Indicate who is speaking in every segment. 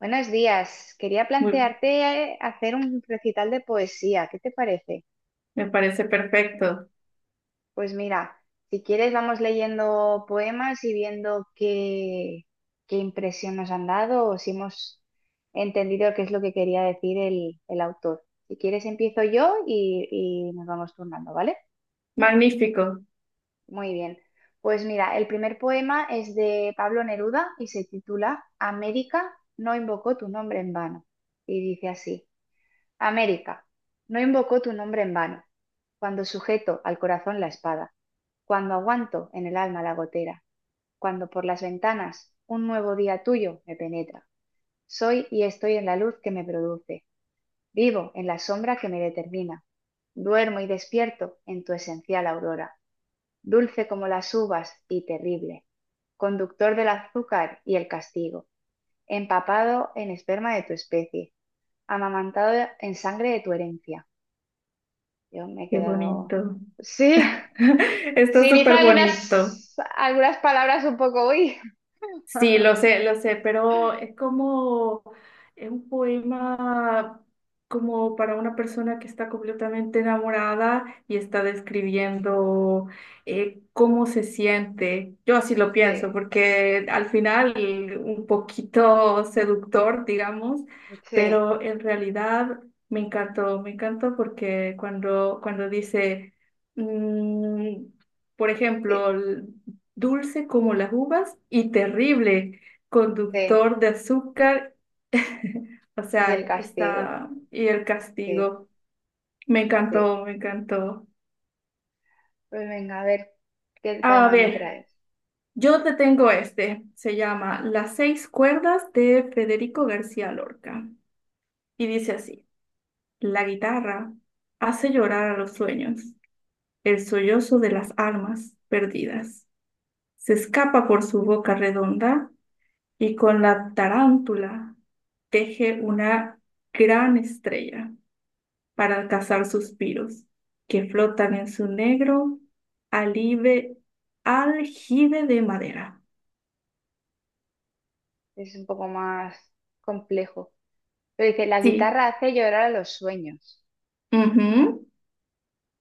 Speaker 1: Buenos días. Quería
Speaker 2: Muy-
Speaker 1: plantearte hacer un recital de poesía. ¿Qué te parece?
Speaker 2: Me parece perfecto.
Speaker 1: Pues mira, si quieres vamos leyendo poemas y viendo qué impresión nos han dado o si hemos entendido qué es lo que quería decir el autor. Si quieres empiezo yo y nos vamos turnando, ¿vale?
Speaker 2: Magnífico.
Speaker 1: Muy bien. Pues mira, el primer poema es de Pablo Neruda y se titula América no invocó tu nombre en vano. Y dice así. América, no invocó tu nombre en vano, cuando sujeto al corazón la espada, cuando aguanto en el alma la gotera, cuando por las ventanas un nuevo día tuyo me penetra. Soy y estoy en la luz que me produce, vivo en la sombra que me determina, duermo y despierto en tu esencial aurora, dulce como las uvas y terrible, conductor del azúcar y el castigo, empapado en esperma de tu especie, amamantado en sangre de tu herencia. Yo me he
Speaker 2: Qué
Speaker 1: quedado.
Speaker 2: bonito.
Speaker 1: Sí,
Speaker 2: Está
Speaker 1: sí, dice
Speaker 2: súper bonito.
Speaker 1: algunas palabras un poco, uy.
Speaker 2: Sí, lo sé, pero es como, es un poema como para una persona que está completamente enamorada y está describiendo cómo se siente. Yo así lo
Speaker 1: Sí,
Speaker 2: pienso, porque al final un poquito seductor, digamos,
Speaker 1: sí,
Speaker 2: pero en realidad me encantó porque cuando dice, mm, por
Speaker 1: di-
Speaker 2: ejemplo, dulce como las uvas y terrible,
Speaker 1: sí.
Speaker 2: conductor de azúcar, o
Speaker 1: Y
Speaker 2: sea,
Speaker 1: el castigo.
Speaker 2: está, y el
Speaker 1: Sí,
Speaker 2: castigo. Me
Speaker 1: sí.
Speaker 2: encantó, me encantó.
Speaker 1: Pues venga, a ver qué
Speaker 2: A
Speaker 1: tema me
Speaker 2: ver,
Speaker 1: traes.
Speaker 2: yo te tengo este, se llama Las seis cuerdas de Federico García Lorca, y dice así, la guitarra hace llorar a los sueños, el sollozo de las almas perdidas. Se escapa por su boca redonda y con la tarántula teje una gran estrella para alcanzar suspiros que flotan en su negro alive, aljibe de madera.
Speaker 1: Es un poco más complejo. Pero dice, la
Speaker 2: Sí,
Speaker 1: guitarra hace llorar a los sueños.
Speaker 2: ujú.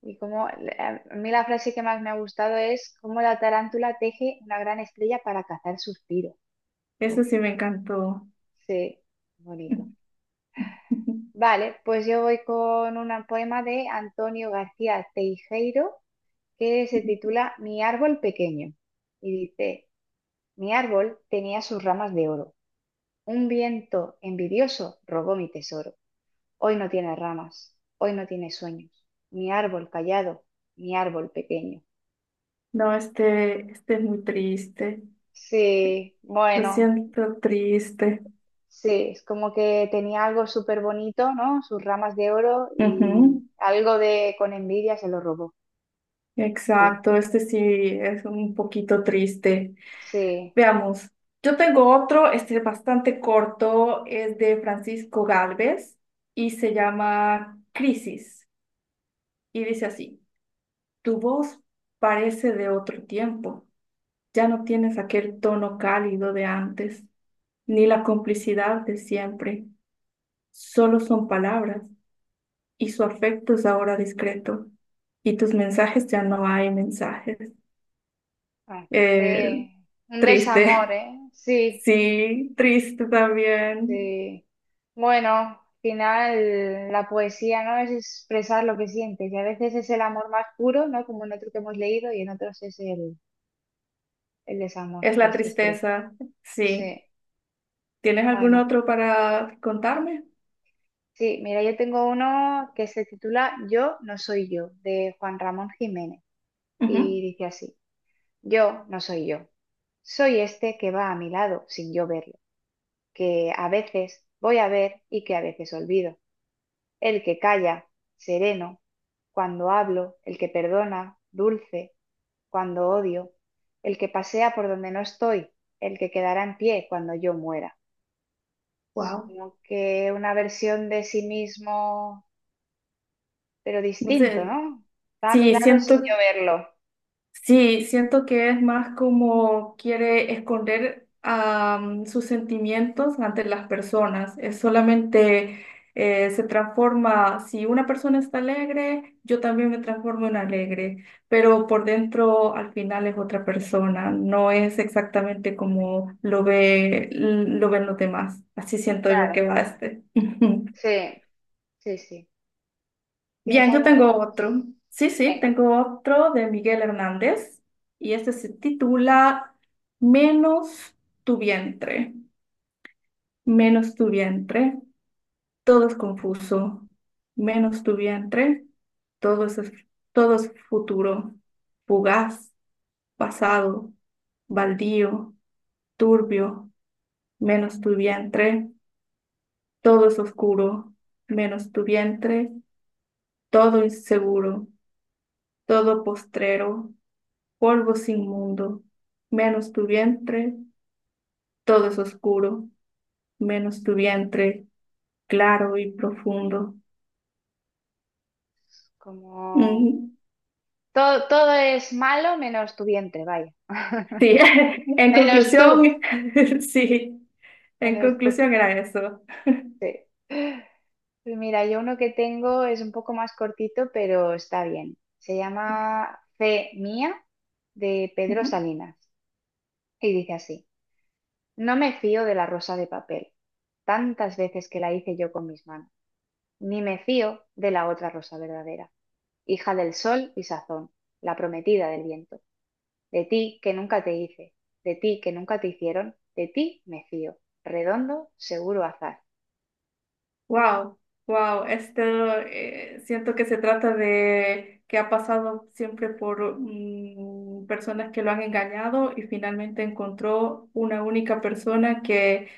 Speaker 1: Y como a mí la frase que más me ha gustado es cómo la tarántula teje una gran estrella para cazar suspiros. Uy,
Speaker 2: Eso sí me encantó.
Speaker 1: sí, bonito. Vale, pues yo voy con un poema de Antonio García Teijeiro que se titula Mi árbol pequeño y dice, mi árbol tenía sus ramas de oro. Un viento envidioso robó mi tesoro. Hoy no tiene ramas, hoy no tiene sueños. Mi árbol callado, mi árbol pequeño.
Speaker 2: No, este es muy triste.
Speaker 1: Sí,
Speaker 2: Lo
Speaker 1: bueno,
Speaker 2: siento triste.
Speaker 1: sí, es como que tenía algo súper bonito, ¿no? Sus ramas de oro y
Speaker 2: Ujú.
Speaker 1: algo de con envidia se lo robó. Sí,
Speaker 2: Exacto, este sí es un poquito triste.
Speaker 1: sí.
Speaker 2: Veamos, yo tengo otro, este es bastante corto, es de Francisco Gálvez y se llama Crisis y dice así, tu voz parece de otro tiempo, ya no tienes aquel tono cálido de antes, ni la complicidad de siempre, solo son palabras y su afecto es ahora discreto y tus mensajes ya no hay mensajes.
Speaker 1: Ah,
Speaker 2: Eh,
Speaker 1: este, un desamor,
Speaker 2: triste,
Speaker 1: ¿eh? Sí,
Speaker 2: sí, triste también.
Speaker 1: sí. Bueno, al final la poesía, ¿no? Es expresar lo que sientes y a veces es el amor más puro, ¿no? Como en otro que hemos leído y en otros es el desamor,
Speaker 2: Es
Speaker 1: pero
Speaker 2: la
Speaker 1: este es triste.
Speaker 2: tristeza, sí.
Speaker 1: Sí,
Speaker 2: ¿Tienes algún
Speaker 1: bueno.
Speaker 2: otro para contarme?
Speaker 1: Sí, mira, yo tengo uno que se titula Yo no soy yo, de Juan Ramón Jiménez y dice así, yo no soy yo. Soy este que va a mi lado sin yo verlo, que a veces voy a ver y que a veces olvido. El que calla, sereno, cuando hablo, el que perdona, dulce, cuando odio, el que pasea por donde no estoy, el que quedará en pie cuando yo muera. Es
Speaker 2: Wow,
Speaker 1: como que una versión de sí mismo, pero
Speaker 2: no
Speaker 1: distinto,
Speaker 2: sé.
Speaker 1: ¿no? Está a mi
Speaker 2: Sí,
Speaker 1: lado sin
Speaker 2: siento.
Speaker 1: yo verlo.
Speaker 2: Sí, siento que es más como quiere esconder sus sentimientos ante las personas. Es solamente se transforma, si una persona está alegre, yo también me transformo en alegre, pero por dentro al final es otra persona, no es exactamente como lo ve, lo ven los demás. Así siento yo
Speaker 1: Claro,
Speaker 2: que va este.
Speaker 1: sí, sí, sí. ¿Tienes
Speaker 2: Bien, yo
Speaker 1: alguno
Speaker 2: tengo
Speaker 1: más?
Speaker 2: otro. Sí, sí,
Speaker 1: Venga,
Speaker 2: tengo otro de Miguel Hernández y este se titula Menos tu vientre, menos tu vientre, todo es confuso, menos tu vientre, todo es, todo es futuro, fugaz, pasado, baldío, turbio, menos tu vientre, todo es oscuro, menos tu vientre, todo inseguro, todo postrero polvo sin mundo, menos tu vientre, todo es oscuro, menos tu vientre, claro y profundo.
Speaker 1: como
Speaker 2: Mm,
Speaker 1: todo es malo menos tu vientre, vaya.
Speaker 2: sí, en
Speaker 1: Menos tú,
Speaker 2: conclusión, sí, en
Speaker 1: menos tú,
Speaker 2: conclusión era eso.
Speaker 1: sí. Pues mira, yo uno que tengo es un poco más cortito, pero está bien. Se llama Fe mía de Pedro
Speaker 2: Ujú.
Speaker 1: Salinas y dice así: no me fío de la rosa de papel, tantas veces que la hice yo con mis manos, ni me fío de la otra rosa verdadera, hija del sol y sazón, la prometida del viento. De ti que nunca te hice, de ti que nunca te hicieron, de ti me fío. Redondo, seguro azar.
Speaker 2: Wow, wow, esto siento que se trata de que ha pasado siempre por mm, personas que lo han engañado y finalmente encontró una única persona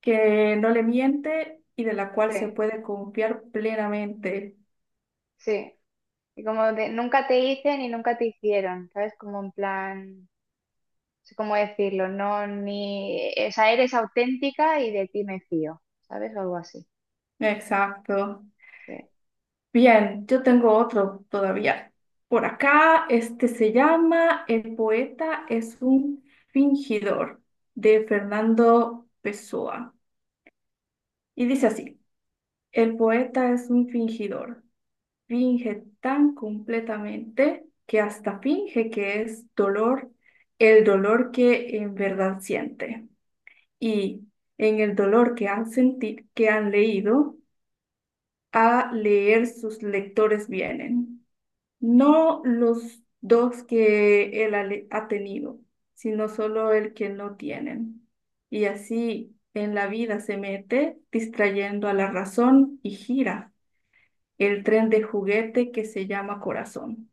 Speaker 2: que no le miente y de la cual se
Speaker 1: Sí,
Speaker 2: puede confiar plenamente.
Speaker 1: sí. Y como de nunca te hice ni nunca te hicieron, ¿sabes? Como en plan, no sé cómo decirlo, no, ni, o sea, eres auténtica y de ti me fío, ¿sabes? O algo así,
Speaker 2: Exacto.
Speaker 1: sí.
Speaker 2: Bien, yo tengo otro todavía. Por acá, este se llama El poeta es un fingidor de Fernando Pessoa. Y dice así, el poeta es un fingidor, finge tan completamente que hasta finge que es dolor, el dolor que en verdad siente. Y en el dolor que han sentido, que han leído, a leer sus lectores vienen. No los dos que ha tenido, sino solo el que no tienen. Y así en la vida se mete, distrayendo a la razón y gira el tren de juguete que se llama Corazón.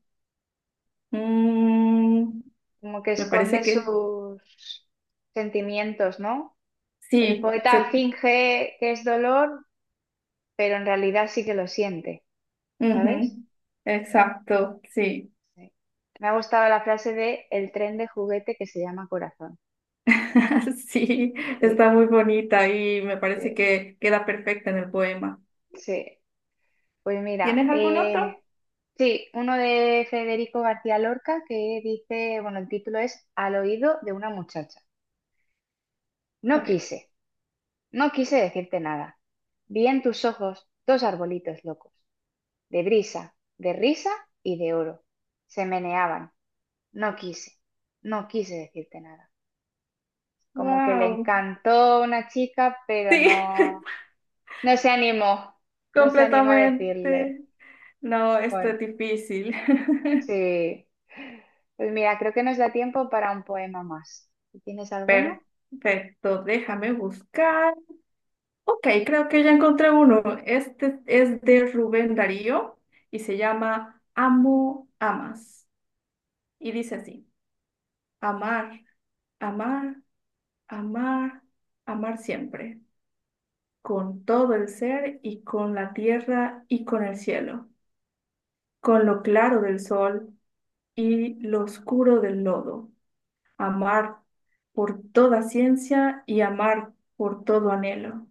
Speaker 2: Mm,
Speaker 1: Como que
Speaker 2: me parece
Speaker 1: esconde
Speaker 2: que
Speaker 1: sus sentimientos, ¿no? El
Speaker 2: sí,
Speaker 1: poeta finge que es dolor, pero en realidad sí que lo siente, ¿sabes?
Speaker 2: ujú, exacto, sí.
Speaker 1: Sí. Me ha gustado la frase de el tren de juguete que se llama corazón.
Speaker 2: Sí,
Speaker 1: Sí,
Speaker 2: está muy bonita y me parece
Speaker 1: sí,
Speaker 2: que queda perfecta en el poema.
Speaker 1: sí. Pues mira,
Speaker 2: ¿Tienes algún otro?
Speaker 1: sí, uno de Federico García Lorca que dice, bueno, el título es Al oído de una muchacha. No
Speaker 2: Ok.
Speaker 1: quise, no quise decirte nada. Vi en tus ojos dos arbolitos locos, de brisa, de risa y de oro. Se meneaban. No quise, no quise decirte nada. Como que le
Speaker 2: Wow.
Speaker 1: encantó una chica, pero
Speaker 2: Sí,
Speaker 1: no, no se animó, no se animó a decirle.
Speaker 2: completamente. No, esto
Speaker 1: Bueno.
Speaker 2: es difícil.
Speaker 1: Sí. Pues mira, creo que nos da tiempo para un poema más. Si ¿Tienes alguno?
Speaker 2: Perfecto, déjame buscar. Ok, creo que ya encontré uno. Este es de Rubén Darío y se llama Amo, amas. Y dice así, amar, amar, amar, amar siempre, con todo el ser y con la tierra y con el cielo, con lo claro del sol y lo oscuro del lodo. Amar por toda ciencia y amar por todo anhelo.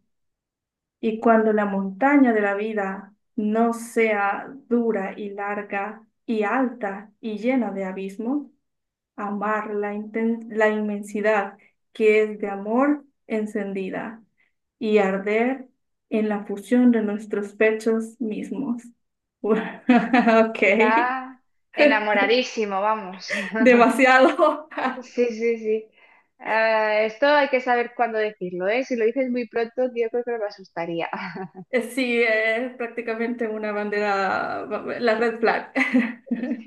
Speaker 2: Y cuando la montaña de la vida no sea dura y larga y alta y llena de abismos, la inmensidad que es de amor encendida y arder en la fusión de nuestros pechos mismos. Ok,
Speaker 1: Está enamoradísimo, vamos.
Speaker 2: demasiado.
Speaker 1: Sí, sí, sí. Ah, esto hay que saber cuándo decirlo, ¿eh? Si lo dices muy pronto, yo creo que me asustaría.
Speaker 2: Sí, es prácticamente una bandera, la red flag.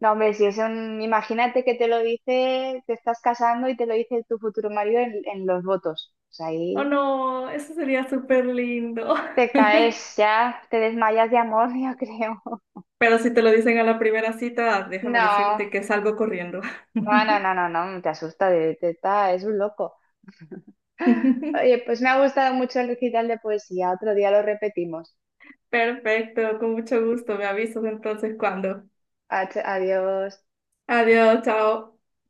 Speaker 1: No, hombre, si es un... Imagínate que te lo dice, te estás casando y te lo dice tu futuro marido en los votos. Pues
Speaker 2: Oh
Speaker 1: ahí
Speaker 2: no, eso sería súper lindo.
Speaker 1: te caes ya, te desmayas de amor, yo creo.
Speaker 2: Pero si te lo dicen a la primera cita, déjame
Speaker 1: No.
Speaker 2: decirte que salgo corriendo.
Speaker 1: No, no, no, no, no, te asusta, de, es un loco. Oye, pues me ha gustado mucho el recital de poesía. Otro día lo repetimos.
Speaker 2: Perfecto, con mucho gusto. Me avisas entonces cuando.
Speaker 1: Adiós.
Speaker 2: Adiós, chao.